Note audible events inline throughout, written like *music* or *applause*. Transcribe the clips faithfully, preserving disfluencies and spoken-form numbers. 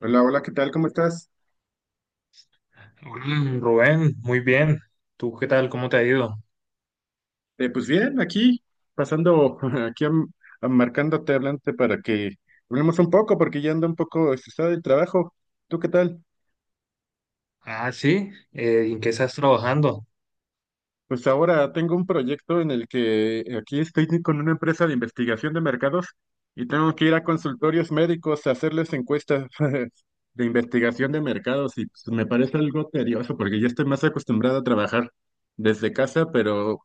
Hola, hola, ¿qué tal? ¿Cómo estás? Mm, Rubén, muy bien. ¿Tú qué tal? ¿Cómo te ha ido? Eh, pues bien, aquí, pasando, *laughs* aquí am- am- marcándote, hablándote para que hablemos un poco, porque ya ando un poco estresado del trabajo. ¿Tú qué tal? Ah, sí. Eh, ¿en qué estás trabajando? Pues ahora tengo un proyecto en el que aquí estoy con una empresa de investigación de mercados y tengo que ir a consultorios médicos a hacerles encuestas *laughs* de investigación de mercados y pues, me parece algo tedioso porque ya estoy más acostumbrado a trabajar desde casa, pero,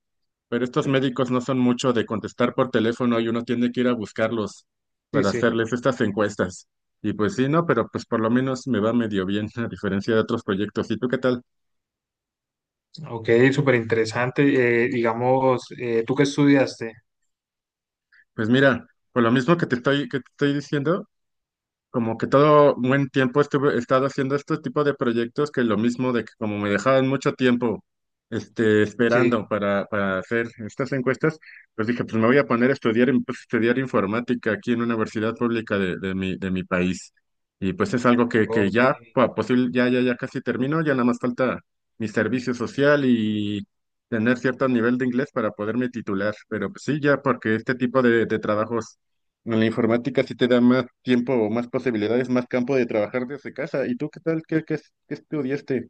pero estos médicos no son mucho de contestar por teléfono y uno tiene que ir a buscarlos Sí, para sí. hacerles estas encuestas. Y pues sí, no, pero pues por lo menos me va medio bien *laughs* a diferencia de otros proyectos. ¿Y tú qué tal? Ok, súper interesante. Eh, digamos, eh, ¿tú qué estudiaste? Pues mira, por lo mismo que te estoy, que te estoy diciendo, como que todo buen tiempo estuve, he estado haciendo este tipo de proyectos que lo mismo de que como me dejaban mucho tiempo este, esperando Sí. para, para hacer estas encuestas, pues dije, pues me voy a poner a estudiar, y me puse a estudiar informática aquí en una universidad pública de, de mi, de mi país. Y pues es algo que, que Ok. ya, pa- posible, ya, ya, ya casi termino, ya nada más falta mi servicio social y tener cierto nivel de inglés para poderme titular. Pero pues sí, ya porque este tipo de, de trabajos en la informática sí te da más tiempo o más posibilidades, más campo de trabajar desde casa. ¿Y tú qué tal? ¿Qué, qué, qué estudiaste?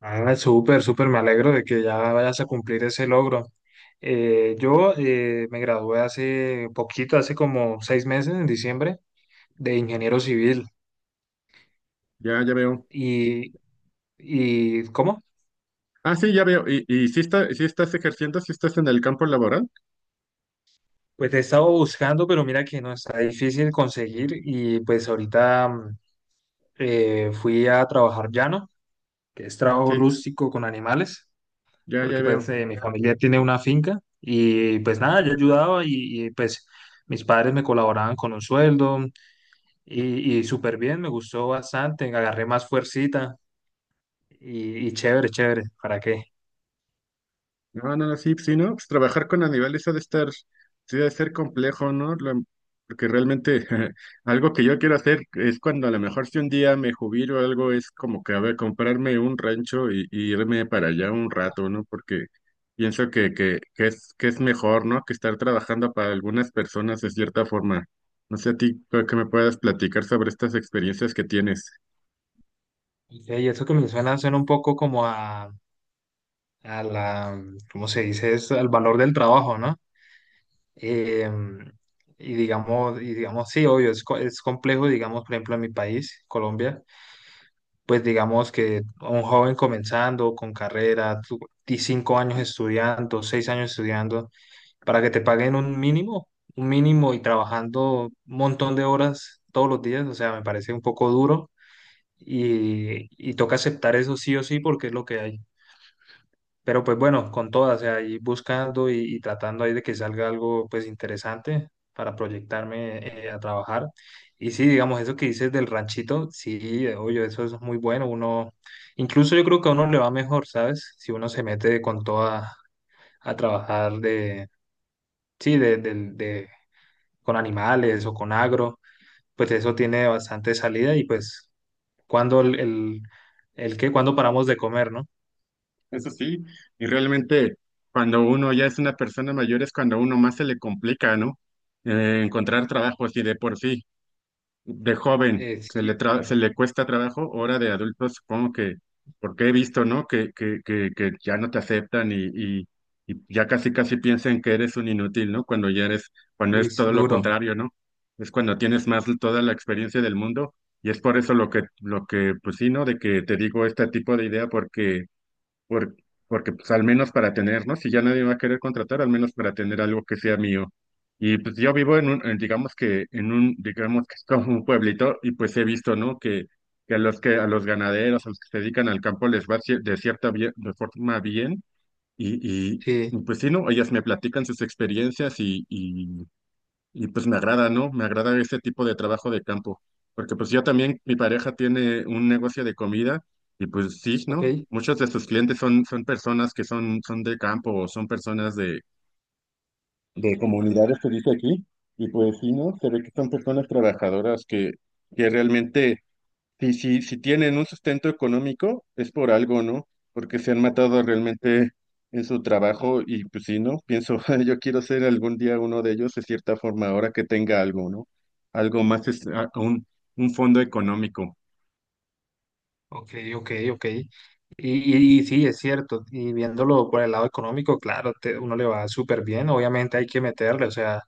Ah, súper, súper. Me alegro de que ya vayas a cumplir ese logro. Eh, yo eh, me gradué hace poquito, hace como seis meses, en diciembre, de ingeniero civil. Ya, ya veo. Y, y ¿cómo? Ah, sí, ya veo. ¿Y, y sí está, sí estás ejerciendo? ¿Sí estás en el campo laboral? Pues he estado buscando, pero mira que no está difícil conseguir y pues ahorita mm, eh, fui a trabajar llano, que es trabajo Sí, rústico con animales, ya, porque ya pues veo. eh, mi familia tiene una finca y pues nada, yo ayudaba y, y, pues mis padres me colaboraban con un sueldo y, y súper bien, me gustó bastante, agarré más fuercita y, y chévere, chévere, ¿para qué? No, no, no, sí, sí, ¿no? Pues trabajar con animales ha de estar, sí, ha de ser complejo, ¿no? Lo- porque realmente *laughs* algo que yo quiero hacer es cuando a lo mejor si un día me jubilo o algo, es como que, a ver, comprarme un rancho y, y irme para allá un rato, ¿no? Porque pienso que, que, que es, que es mejor, ¿no? Que estar trabajando para algunas personas de cierta forma. No sé a ti, creo que me puedas platicar sobre estas experiencias que tienes. Y hey, eso que me suena, suena un poco como a, a la, ¿cómo se dice? Es al valor del trabajo, ¿no? Eh, y digamos, y digamos, sí, obvio, es, co- es complejo, digamos, por ejemplo, en mi país, Colombia, pues digamos que un joven comenzando con carrera, tú- ti- cinco años estudiando, seis años estudiando, para que te paguen un mínimo, un mínimo y trabajando un montón de horas todos los días, o sea, me parece un poco duro y, y toca aceptar eso sí o sí porque es lo que hay. Pero pues bueno, con todas, o sea, ahí buscando y, y tratando ahí de que salga algo pues interesante para proyectarme eh, a trabajar. Y sí, digamos, eso que dices del ranchito, sí, eh, oye, eso es muy bueno. Uno, incluso yo creo que a uno le va mejor, ¿sabes? Si uno se mete con toda a trabajar de, sí, de, del- de- con animales o con agro, pues eso tiene bastante salida y pues cuando el, el, el qué, cuando paramos de comer, ¿no? Eso sí, y realmente cuando uno ya es una persona mayor es cuando a uno más se le complica, ¿no? Eh, encontrar trabajo así de por sí, de joven, Eh, se sí, le, sí. tra- se le cuesta trabajo, ahora de adulto supongo que, porque he visto, ¿no? Que, que, que, que ya no te aceptan y, y, y ya casi casi piensan que eres un inútil, ¿no? Cuando ya eres, cuando Uy, es todo lo duro. contrario, ¿no? Es cuando tienes más toda la experiencia del mundo y es por eso lo que, lo que, pues sí, ¿no? De que te digo este tipo de idea porque por- porque pues al menos para tener, ¿no? Si ya nadie va a querer contratar, al menos para tener algo que sea mío. Y pues yo vivo en un, en, digamos que en un, digamos que es como un pueblito y pues he visto, ¿no? Que, que a los que, a los ganaderos, a los que se dedican al campo les va cier- de cierta bien- de forma bien y, y Sí. y, pues sí, ¿no? Ellas me platican sus experiencias y, y pues me agrada, ¿no? Me agrada este tipo de trabajo de campo, porque pues yo también, mi pareja tiene un negocio de comida y pues sí, ¿no? Ok. Muchos de sus clientes son, son personas que son, son de campo o son personas de, de comunidades que dice aquí y pues sí, ¿no? Se ve que son personas trabajadoras que, que realmente si, si, si tienen un sustento económico, es por algo, ¿no? Porque se han matado realmente en su trabajo y pues sí, ¿no? Pienso, *laughs* yo quiero ser algún día uno de ellos de cierta forma, ahora que tenga algo, ¿no? Algo más, es, a- un, un fondo económico. Ok, ok, ok. Y, y- y sí, es cierto. Y viéndolo por el lado económico, claro, te- uno le va súper bien. Obviamente hay que meterle, o sea,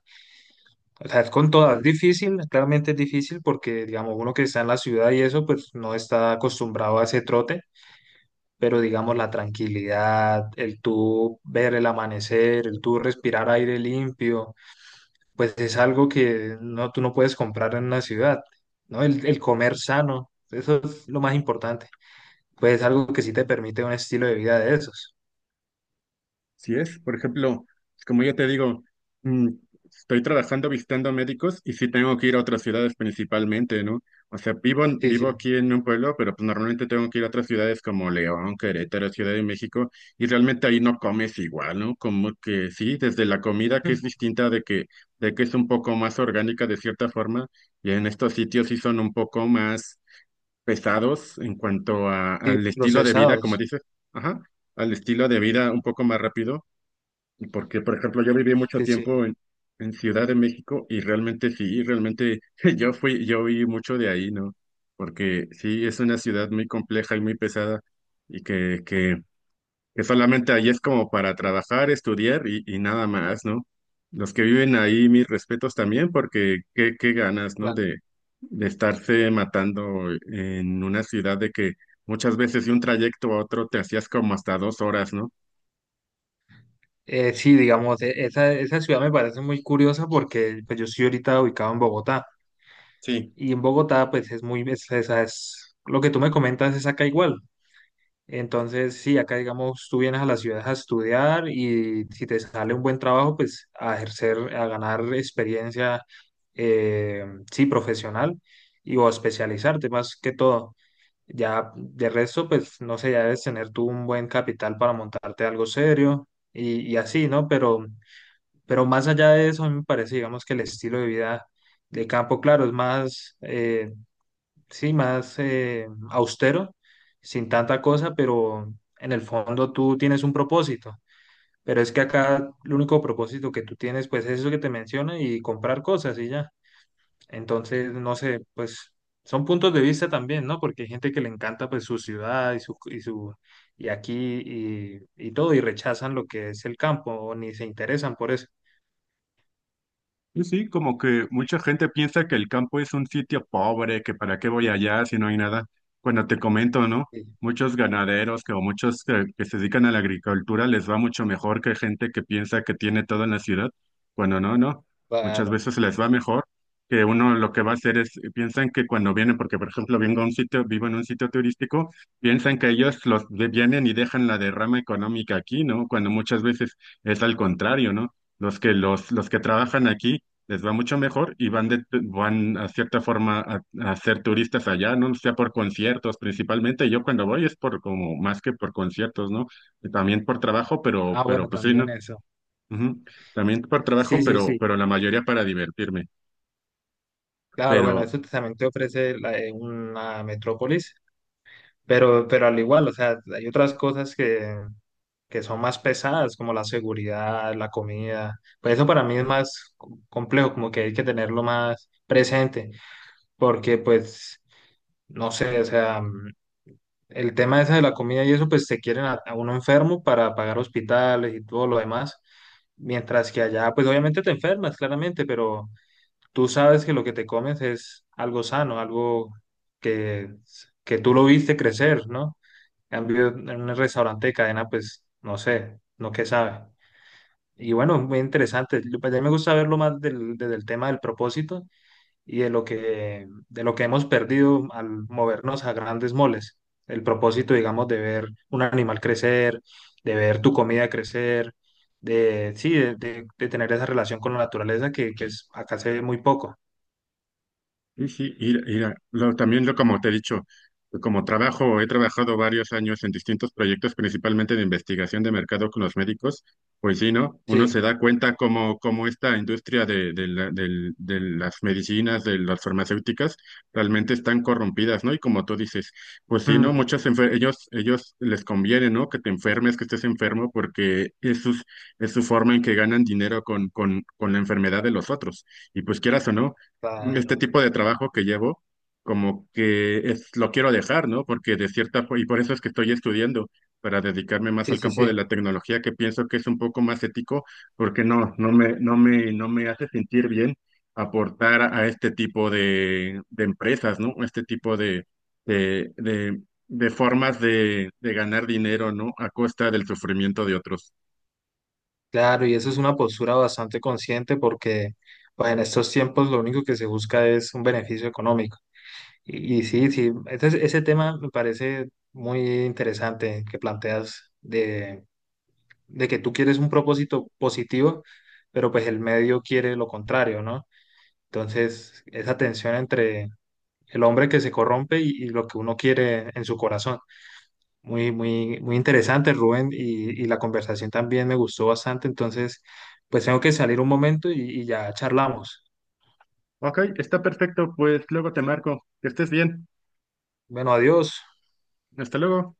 o sea, es con todas. Es difícil, claramente es difícil porque, digamos, uno que está en la ciudad y eso, pues no está acostumbrado a ese trote. Pero, digamos, la tranquilidad, el tú ver el amanecer, el tú respirar aire limpio, pues es algo que no, tú no puedes comprar en una ciudad, ¿no? El, el comer sano, eso es lo más importante pues algo que sí te permite un estilo de vida de esos. Si es, por ejemplo, como yo te digo, mm, estoy trabajando visitando médicos y sí tengo que ir a otras ciudades principalmente, ¿no? O sea, vivo, en- Sí, vivo sí. aquí en un pueblo, pero pues normalmente tengo que ir a otras ciudades como León, Querétaro, Ciudad de México, y realmente ahí no comes igual, ¿no? Como que sí, desde la comida que es *laughs* distinta de que, de que es un poco más orgánica de cierta forma, y en estos sitios sí son un poco más pesados en cuanto a- Sí, al estilo de vida, como procesados. dices, ajá, al estilo de vida un poco más rápido. Porque, por ejemplo, yo viví mucho Sí, sí, tiempo en, en Ciudad de México y realmente sí, realmente *laughs* yo fui, yo vi mucho de ahí, ¿no? Porque sí, es una ciudad muy compleja y muy pesada y que, que, que solamente ahí es como para trabajar, estudiar y, y nada más, ¿no? Los que viven ahí, mis respetos también, porque qué, qué ganas, ¿no? claro. De, de estarse matando en una ciudad de que muchas veces de un trayecto a otro te hacías como hasta dos horas, ¿no? Eh, sí, digamos, e- esa, esa ciudad me parece muy curiosa porque pues, yo estoy ahorita ubicado en Bogotá Sí. y en Bogotá pues es muy, es- esa es, lo que tú me comentas es acá igual. Entonces, sí, acá digamos, tú vienes a la ciudad a estudiar y si te sale un buen trabajo, pues a ejercer, a ganar experiencia, eh, sí, profesional y o a especializarte más que todo. Ya de resto, pues no sé, ya debes tener tú un buen capital para montarte algo serio y, y así, ¿no? Pero, pero más allá de eso, a mí me parece, digamos, que el estilo de vida de campo, claro, es más, eh, sí, más eh, austero, sin tanta cosa, pero en el fondo tú tienes un propósito. Pero es que acá el único propósito que tú tienes, pues es eso que te menciono y comprar cosas y ya. Entonces, no sé, pues son puntos de vista también, ¿no? Porque hay gente que le encanta pues su ciudad y su y su y aquí y, y todo y rechazan lo que es el campo o ni se interesan por eso. Sí, sí, como que mucha gente piensa que el campo es un sitio pobre, que para qué voy allá si no hay nada. Cuando te comento, ¿no? Sí, Muchos ganaderos que, o muchos que, que se dedican a la agricultura les va mucho mejor que gente que piensa que tiene todo en la ciudad. Cuando no, no. Muchas claro. veces les va mejor que uno lo que va a hacer es, piensan que cuando vienen, porque por ejemplo vengo a un sitio, vivo en un sitio turístico, piensan que ellos los de- vienen y dejan la derrama económica aquí, ¿no? Cuando muchas veces es al contrario, ¿no? Los que los, los que trabajan aquí les va mucho mejor y van, de, van a cierta forma a, a ser turistas allá, ¿no? Sea por conciertos principalmente. Yo cuando voy es por como más que por conciertos, ¿no? También por trabajo, pero, Ah, pero bueno, pues sí, ¿no? también eso. Ujú. También por Sí, trabajo, sí, pero, sí. pero la mayoría para divertirme. Claro, bueno, Pero, eso también te ofrece la- eh, una metrópolis, pero pero al igual, o sea, hay otras cosas que que son más pesadas, como la seguridad, la comida. Pues eso para mí es más co- complejo, como que hay que tenerlo más presente. Porque pues, no sé, o sea, mm, el tema ese de la comida y eso, pues te quieren a, a uno enfermo para pagar hospitales y todo lo demás, mientras que allá, pues obviamente te enfermas, claramente, pero tú sabes que lo que te comes es algo sano, algo que, que tú lo viste crecer, ¿no? En cambio, en un restaurante de cadena, pues, no sé, no qué sabe. Y bueno, muy interesante. Yo- pues, a mí me gusta verlo más del, desde el tema del propósito y de lo que, de lo que hemos perdido al movernos a grandes moles. El propósito, digamos, de ver un animal crecer, de ver tu comida crecer, de, sí, de, de- de tener esa relación con la naturaleza que, que es- acá se ve muy poco. sí, sí, ir- ir a- lo- también lo, como te he dicho, como trabajo, he trabajado varios años en distintos proyectos, principalmente de investigación de mercado con los médicos, pues sí, ¿no? Uno Sí, se da cuenta como, como esta industria de, de la- del- de las medicinas, de las farmacéuticas, realmente están corrompidas, ¿no? Y como tú dices, pues sí, ¿no? mm, Muchos enfer- ellos, ellos les conviene, ¿no? Que te enfermes, que estés enfermo, porque es, sus- es su forma en que ganan dinero con, con, con la enfermedad de los otros. Y pues quieras o no claro, este tipo de trabajo que llevo, como que es, lo quiero dejar, ¿no? Porque de cierta fo- y por eso es que estoy estudiando, para dedicarme más sí, al sí, campo de sí, la tecnología, que pienso que es un poco más ético, porque no, no me, no me, no me hace sentir bien aportar a este tipo de, de empresas, ¿no? Este tipo de, de, de, de formas de, de ganar dinero, ¿no? A costa del sufrimiento de otros. claro, y eso es una postura bastante consciente porque, pues, en estos tiempos lo único que se busca es un beneficio económico. Y, y sí, sí, ese, ese tema me parece muy interesante que planteas de de que tú quieres un propósito positivo, pero pues el medio quiere lo contrario, ¿no? Entonces, esa tensión entre el hombre que se corrompe y, y lo que uno quiere en su corazón. Muy, muy, muy interesante, Rubén, y, y la conversación también me gustó bastante. Entonces, pues tengo que salir un momento y, y ya charlamos. Ok, está perfecto, pues luego te marco. Que estés bien. Bueno, adiós. Hasta luego.